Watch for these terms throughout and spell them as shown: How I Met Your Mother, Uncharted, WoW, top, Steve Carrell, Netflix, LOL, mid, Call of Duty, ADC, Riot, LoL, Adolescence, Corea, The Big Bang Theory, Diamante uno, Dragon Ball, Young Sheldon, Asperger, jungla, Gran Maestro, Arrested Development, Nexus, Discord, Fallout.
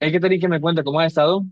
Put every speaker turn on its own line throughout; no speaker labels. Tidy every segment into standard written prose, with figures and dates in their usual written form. Hay que tener que me cuenta cómo has estado.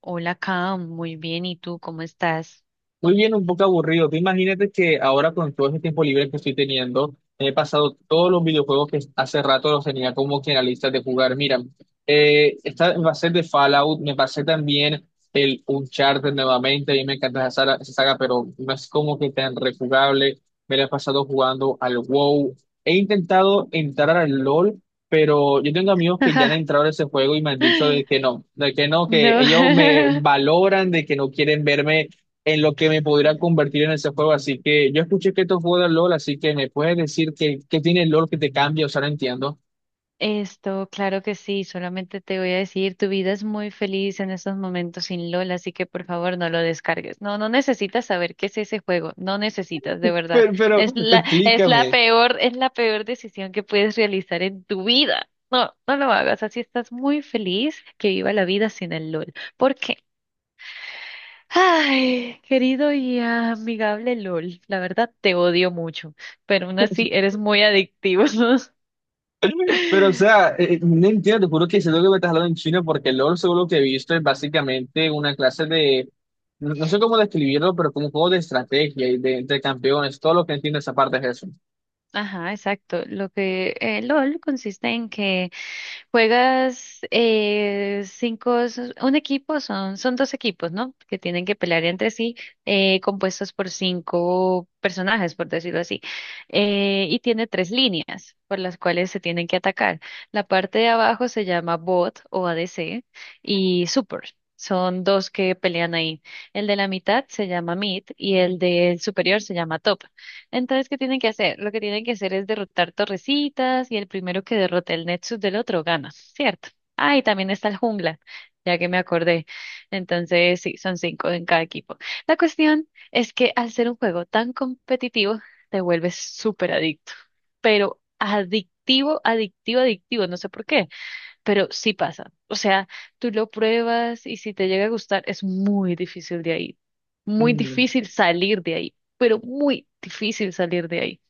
Hola, Cam, muy bien. ¿Y tú cómo estás?
Muy bien, un poco aburrido. Tú imagínate que ahora con todo ese tiempo libre que estoy teniendo, he pasado todos los videojuegos que hace rato los tenía como que en la lista de jugar. Mira, esta va a ser de Fallout, me pasé también el Uncharted nuevamente, a mí me encanta esa saga, pero no es como que tan rejugable. Me la he pasado jugando al WoW. He intentado entrar al LoL, pero yo tengo amigos que ya han entrado a ese juego y me han dicho de que no, que
No.
ellos me valoran, de que no quieren verme en lo que me podría convertir en ese juego. Así que yo escuché que esto fue de LOL, así que me puedes decir que tiene el LOL que te cambia, o sea, no entiendo.
Claro que sí. Solamente te voy a decir, tu vida es muy feliz en estos momentos sin Lola, así que por favor no lo descargues. No, no necesitas saber qué es ese juego. No necesitas, de verdad.
Pero
Es la
explícame.
peor, es la peor decisión que puedes realizar en tu vida. No, no lo hagas. Así estás muy feliz que viva la vida sin el LOL. ¿Por qué? Ay, querido y amigable LOL, la verdad te odio mucho, pero aún así eres muy adictivo.
Pero, o sea, no entiendo, te juro que siento que me estás hablando en chino porque LOL, según lo que he visto, es básicamente una clase no, no sé cómo describirlo, pero como un juego de estrategia y de entre campeones. Todo lo que entiendo esa parte es
Ajá, exacto. Lo que LOL consiste en que juegas 5, un equipo, son dos equipos, ¿no? Que tienen que pelear entre sí, compuestos por 5 personajes, por decirlo así. Y tiene 3 líneas por las cuales se tienen que atacar. La parte de abajo se llama bot o ADC y super. Son dos que pelean ahí. El de la mitad se llama mid y el del superior se llama top. Entonces, ¿qué tienen que hacer? Lo que tienen que hacer es derrotar torrecitas y el primero que derrote el Nexus del otro gana, ¿cierto? Ah, y también está el jungla, ya que me acordé. Entonces, sí, son 5 en cada equipo. La cuestión es que al ser un juego tan competitivo, te vuelves súper adicto, pero adictivo, adictivo, adictivo, no sé por qué, pero sí pasa. O sea, tú lo pruebas y si te llega a gustar, es muy difícil de ahí. Muy
eso.
difícil salir de ahí, pero muy difícil salir de ahí.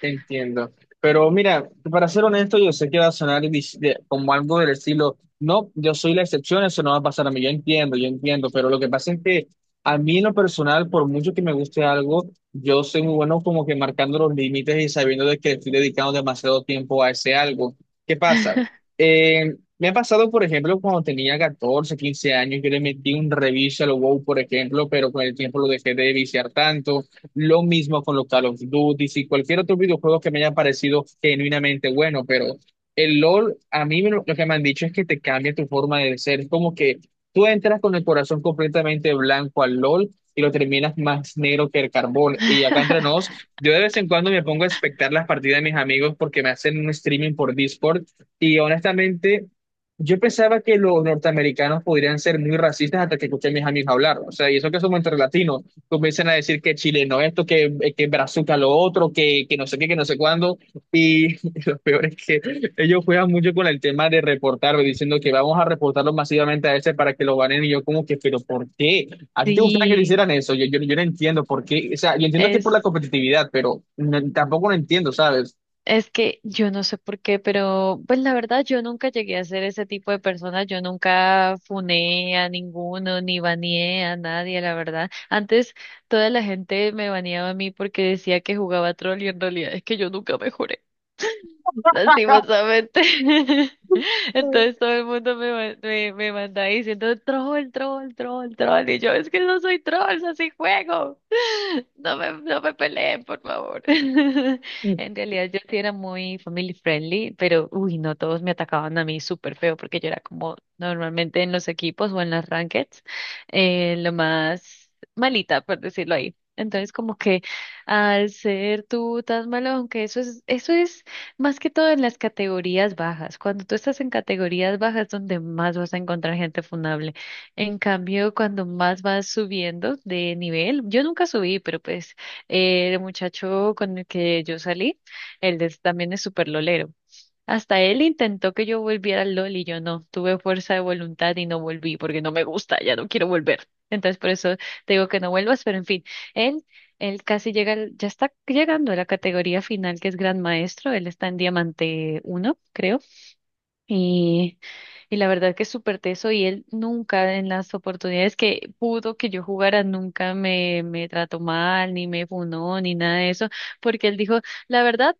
Entiendo. Pero mira, para ser honesto, yo sé que va a sonar como algo del estilo, no, yo soy la excepción, eso no va a pasar a mí, yo entiendo, pero lo que pasa es que a mí en lo personal, por mucho que me guste algo, yo soy muy bueno como que marcando los límites y sabiendo de que estoy dedicando demasiado tiempo a ese algo. ¿Qué pasa? Me ha pasado, por ejemplo, cuando tenía 14 15 años, yo le metí un reviso a lo WoW, por ejemplo, pero con el tiempo lo dejé de viciar tanto. Lo mismo con los Call of Duty y cualquier otro videojuego que me haya parecido genuinamente bueno, pero el LOL, a mí lo que me han dicho es que te cambia tu forma de ser. Es como que tú entras con el corazón completamente blanco al LOL y lo terminas más negro que el carbón. Y acá entre nos, yo de vez en cuando me pongo a espectar las partidas de mis amigos porque me hacen un streaming por Discord y honestamente... Yo pensaba que los norteamericanos podrían ser muy racistas hasta que escuché a mis amigos hablar, o sea, y eso que somos entre latinos, comienzan a decir que chileno esto, que brazuca lo otro, que no sé qué, que no sé cuándo. Y lo peor es que ellos juegan mucho con el tema de reportarlo, diciendo que vamos a reportarlo masivamente a ese para que lo ganen. Y yo como que, pero ¿por qué? ¿A ti te gustaría que te
Sí,
hicieran eso? Yo no entiendo por qué. O sea, yo entiendo que por la
es,
competitividad, pero tampoco lo entiendo, ¿sabes?
es que yo no sé por qué, pero pues la verdad yo nunca llegué a ser ese tipo de persona, yo nunca funé a ninguno, ni baneé a nadie, la verdad. Antes toda la gente me baneaba a mí porque decía que jugaba troll y en realidad es que yo nunca mejoré, lastimosamente. Entonces todo el mundo me manda diciendo troll, troll, troll, troll. Y yo, es que no soy troll, es así juego. No me peleen, por favor. En realidad yo sí era muy family friendly, pero uy, no, todos me atacaban a mí súper feo porque yo era como normalmente en los equipos o en las rankeds, lo más malita, por decirlo ahí. Entonces como que al ser tú tan malo, aunque eso es más que todo en las categorías bajas. Cuando tú estás en categorías bajas es donde más vas a encontrar gente funable. En cambio, cuando más vas subiendo de nivel, yo nunca subí, pero pues el muchacho con el que yo salí, también es súper lolero. Hasta él intentó que yo volviera al LOL y yo no. Tuve fuerza de voluntad y no volví porque no me gusta, ya no quiero volver. Entonces por eso te digo que no vuelvas, pero en fin, él, él casi llega, ya está llegando a la categoría final que es Gran Maestro, él está en Diamante uno, creo, y, y la verdad que es súper teso y él nunca en las oportunidades que pudo que yo jugara, nunca me trató mal, ni me funó, ni nada de eso, porque él dijo, la verdad,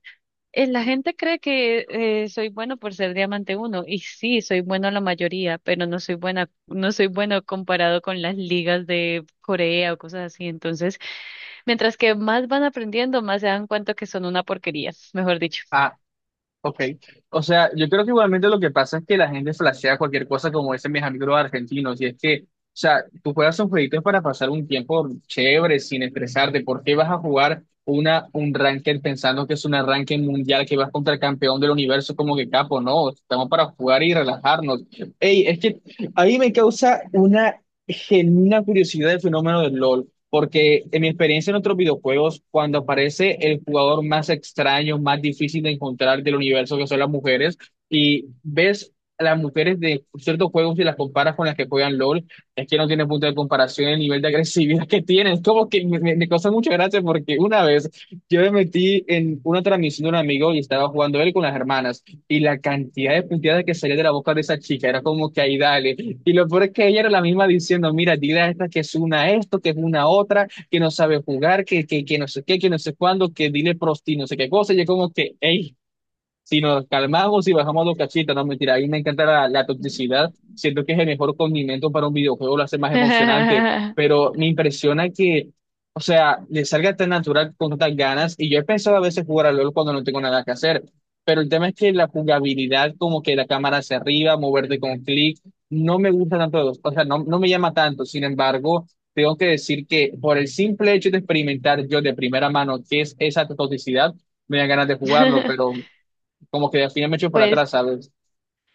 la gente cree que soy bueno por ser diamante uno, y sí, soy bueno la mayoría, pero no soy bueno comparado con las ligas de Corea o cosas así. Entonces, mientras que más van aprendiendo, más se dan cuenta que son una porquería, mejor dicho.
Ah, ok, o sea, yo creo que igualmente lo que pasa es que la gente flashea cualquier cosa como dicen mis amigos los argentinos, y es que, o sea, tú juegas un jueguito para pasar un tiempo chévere, sin estresarte, ¿por qué vas a jugar un ranked pensando que es un arranque mundial, que vas contra el campeón del universo como que capo? No, estamos para jugar y relajarnos. Ey, es que a mí me causa una genuina curiosidad el fenómeno del LOL. Porque en mi experiencia en otros videojuegos, cuando aparece el jugador más extraño, más difícil de encontrar del universo, que son las mujeres, y ves a las mujeres de ciertos juegos y las comparas con las que juegan LOL, es que no tiene punto de comparación el nivel de agresividad que tienen. Es como que me causa mucha gracia porque una vez yo me metí en una transmisión de un amigo y estaba jugando él con las hermanas, y la cantidad de puntadas que salía de la boca de esa chica era como que ahí dale y lo peor es que ella era la misma diciendo, mira, dile a esta que es una esto, que es una otra, que no sabe jugar, que no sé qué, que no sé cuándo, que dile prosti, no sé qué cosa. Y yo como que, hey, si nos calmamos y bajamos los cachitos, no mentira, a mí me encanta la toxicidad. Siento que es el mejor condimento para un videojuego, lo hace más emocionante, pero me impresiona que, o sea, le salga tan natural con tantas ganas. Y yo he pensado a veces jugar al LOL cuando no tengo nada que hacer, pero el tema es que la jugabilidad, como que la cámara hacia arriba, moverte con clic, no me gusta tanto, o sea, no, no me llama tanto. Sin embargo, tengo que decir que por el simple hecho de experimentar yo de primera mano qué es esa toxicidad, me dan ganas de jugarlo, pero como que al final me echo para
Pues
atrás, ¿sabes?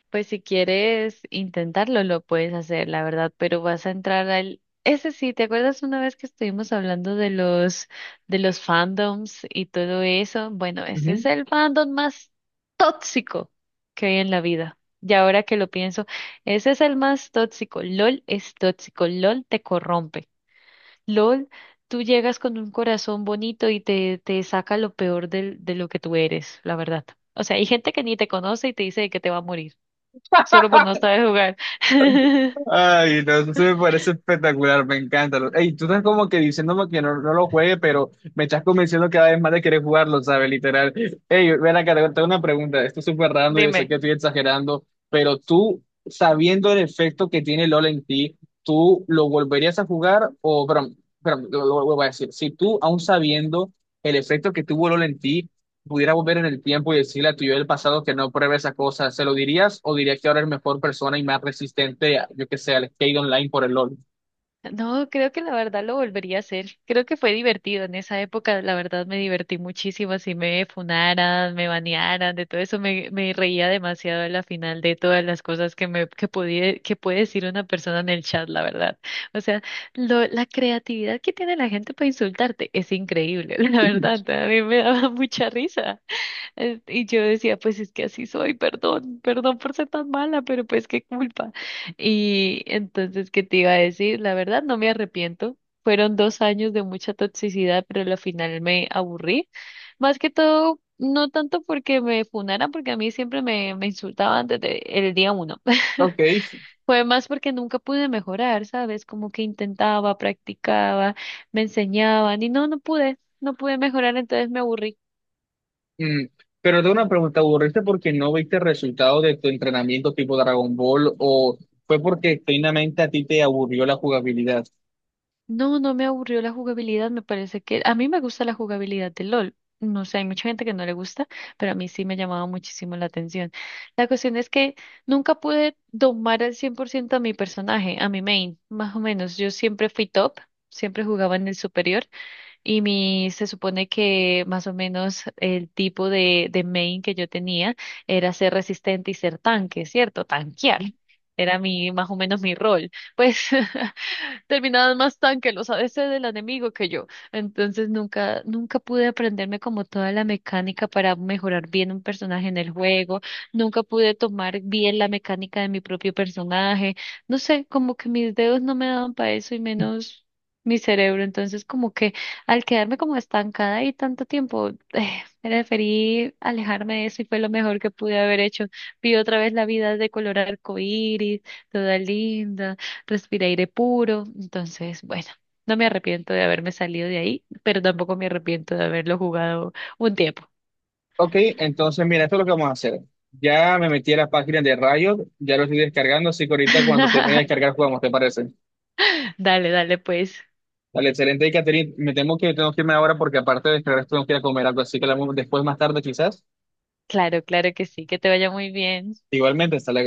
pues si quieres intentarlo, lo puedes hacer, la verdad, pero vas a entrar al... Ese sí, ¿te acuerdas una vez que estuvimos hablando de los fandoms y todo eso? Bueno, ese es
Ujú.
el fandom más tóxico que hay en la vida. Y ahora que lo pienso, ese es el más tóxico. LOL es tóxico, LOL te corrompe. LOL, tú llegas con un corazón bonito y te saca lo peor de lo que tú eres, la verdad. O sea, hay gente que ni te conoce y te dice que te va a morir solo por no saber jugar.
Ay, no, eso sí me parece espectacular, me encanta. Ey, tú estás como que diciéndome que no, no lo juegue, pero me estás convenciendo cada vez más de querer jugarlo, ¿sabes? Literal. Ey, ven acá, te tengo una pregunta. Esto es súper random, yo
Dime.
sé que estoy exagerando, pero tú, sabiendo el efecto que tiene LOL en ti, ¿tú lo volverías a jugar? O, perdón, lo voy a decir. Si tú, aún sabiendo el efecto que tuvo LOL en ti, pudiera volver en el tiempo y decirle a tu yo del pasado que no pruebe esa cosa, ¿se lo dirías o dirías que ahora es mejor persona y más resistente, a, yo que sé, al skate online por el LOL?
No, creo que la verdad lo volvería a hacer. Creo que fue divertido en esa época. La verdad me divertí muchísimo. Si me funaran, me banearan, de todo eso me reía demasiado a la final de todas las cosas que me que podía, que puede decir una persona en el chat, la verdad. O sea, la creatividad que tiene la gente para insultarte es increíble, la verdad. A mí me daba mucha risa. Y yo decía, pues es que así soy, perdón por ser tan mala, pero pues qué culpa. Y entonces, ¿qué te iba a decir? La verdad, no me arrepiento. Fueron 2 años de mucha toxicidad, pero al final me aburrí. Más que todo, no tanto porque me funaran, porque a mí siempre me insultaban desde el día uno.
Ok,
Fue más porque nunca pude mejorar, ¿sabes? Como que intentaba, practicaba, me enseñaban y no pude, no pude mejorar, entonces me aburrí.
mm, pero tengo una pregunta, ¿aburriste porque no viste el resultado de tu entrenamiento tipo Dragon Ball o fue porque genuinamente a ti te aburrió la jugabilidad?
No, no me aburrió la jugabilidad, me parece que a mí me gusta la jugabilidad de LOL. No sé, hay mucha gente que no le gusta, pero a mí sí me llamaba muchísimo la atención. La cuestión es que nunca pude domar al 100% a mi personaje, a mi main, más o menos. Yo siempre fui top, siempre jugaba en el superior y se supone que más o menos el tipo de main que yo tenía era ser resistente y ser tanque, ¿cierto? Tanquear. Más o menos mi rol. Pues terminaban más tan que los ADC del enemigo que yo. Entonces nunca, nunca pude aprenderme como toda la mecánica para mejorar bien un personaje en el juego. Nunca pude tomar bien la mecánica de mi propio personaje. No sé, como que mis dedos no me daban para eso y menos mi cerebro. Entonces como que al quedarme como estancada ahí tanto tiempo, preferí alejarme de eso y fue lo mejor que pude haber hecho. Vi otra vez la vida de color arcoíris, toda linda, respiré aire puro, entonces, bueno, no me arrepiento de haberme salido de ahí, pero tampoco me arrepiento de haberlo jugado un tiempo.
Ok, entonces mira, esto es lo que vamos a hacer. Ya me metí a la página de Riot, ya lo estoy descargando, así que ahorita cuando termine de descargar jugamos, ¿te parece?
Dale, dale, pues.
Vale, excelente. Y Catherine, me temo que tengo que irme ahora porque aparte de descargar esto, tengo que ir a comer algo, así que hablamos después más tarde quizás.
Claro, claro que sí, que te vaya muy bien.
Igualmente, hasta luego.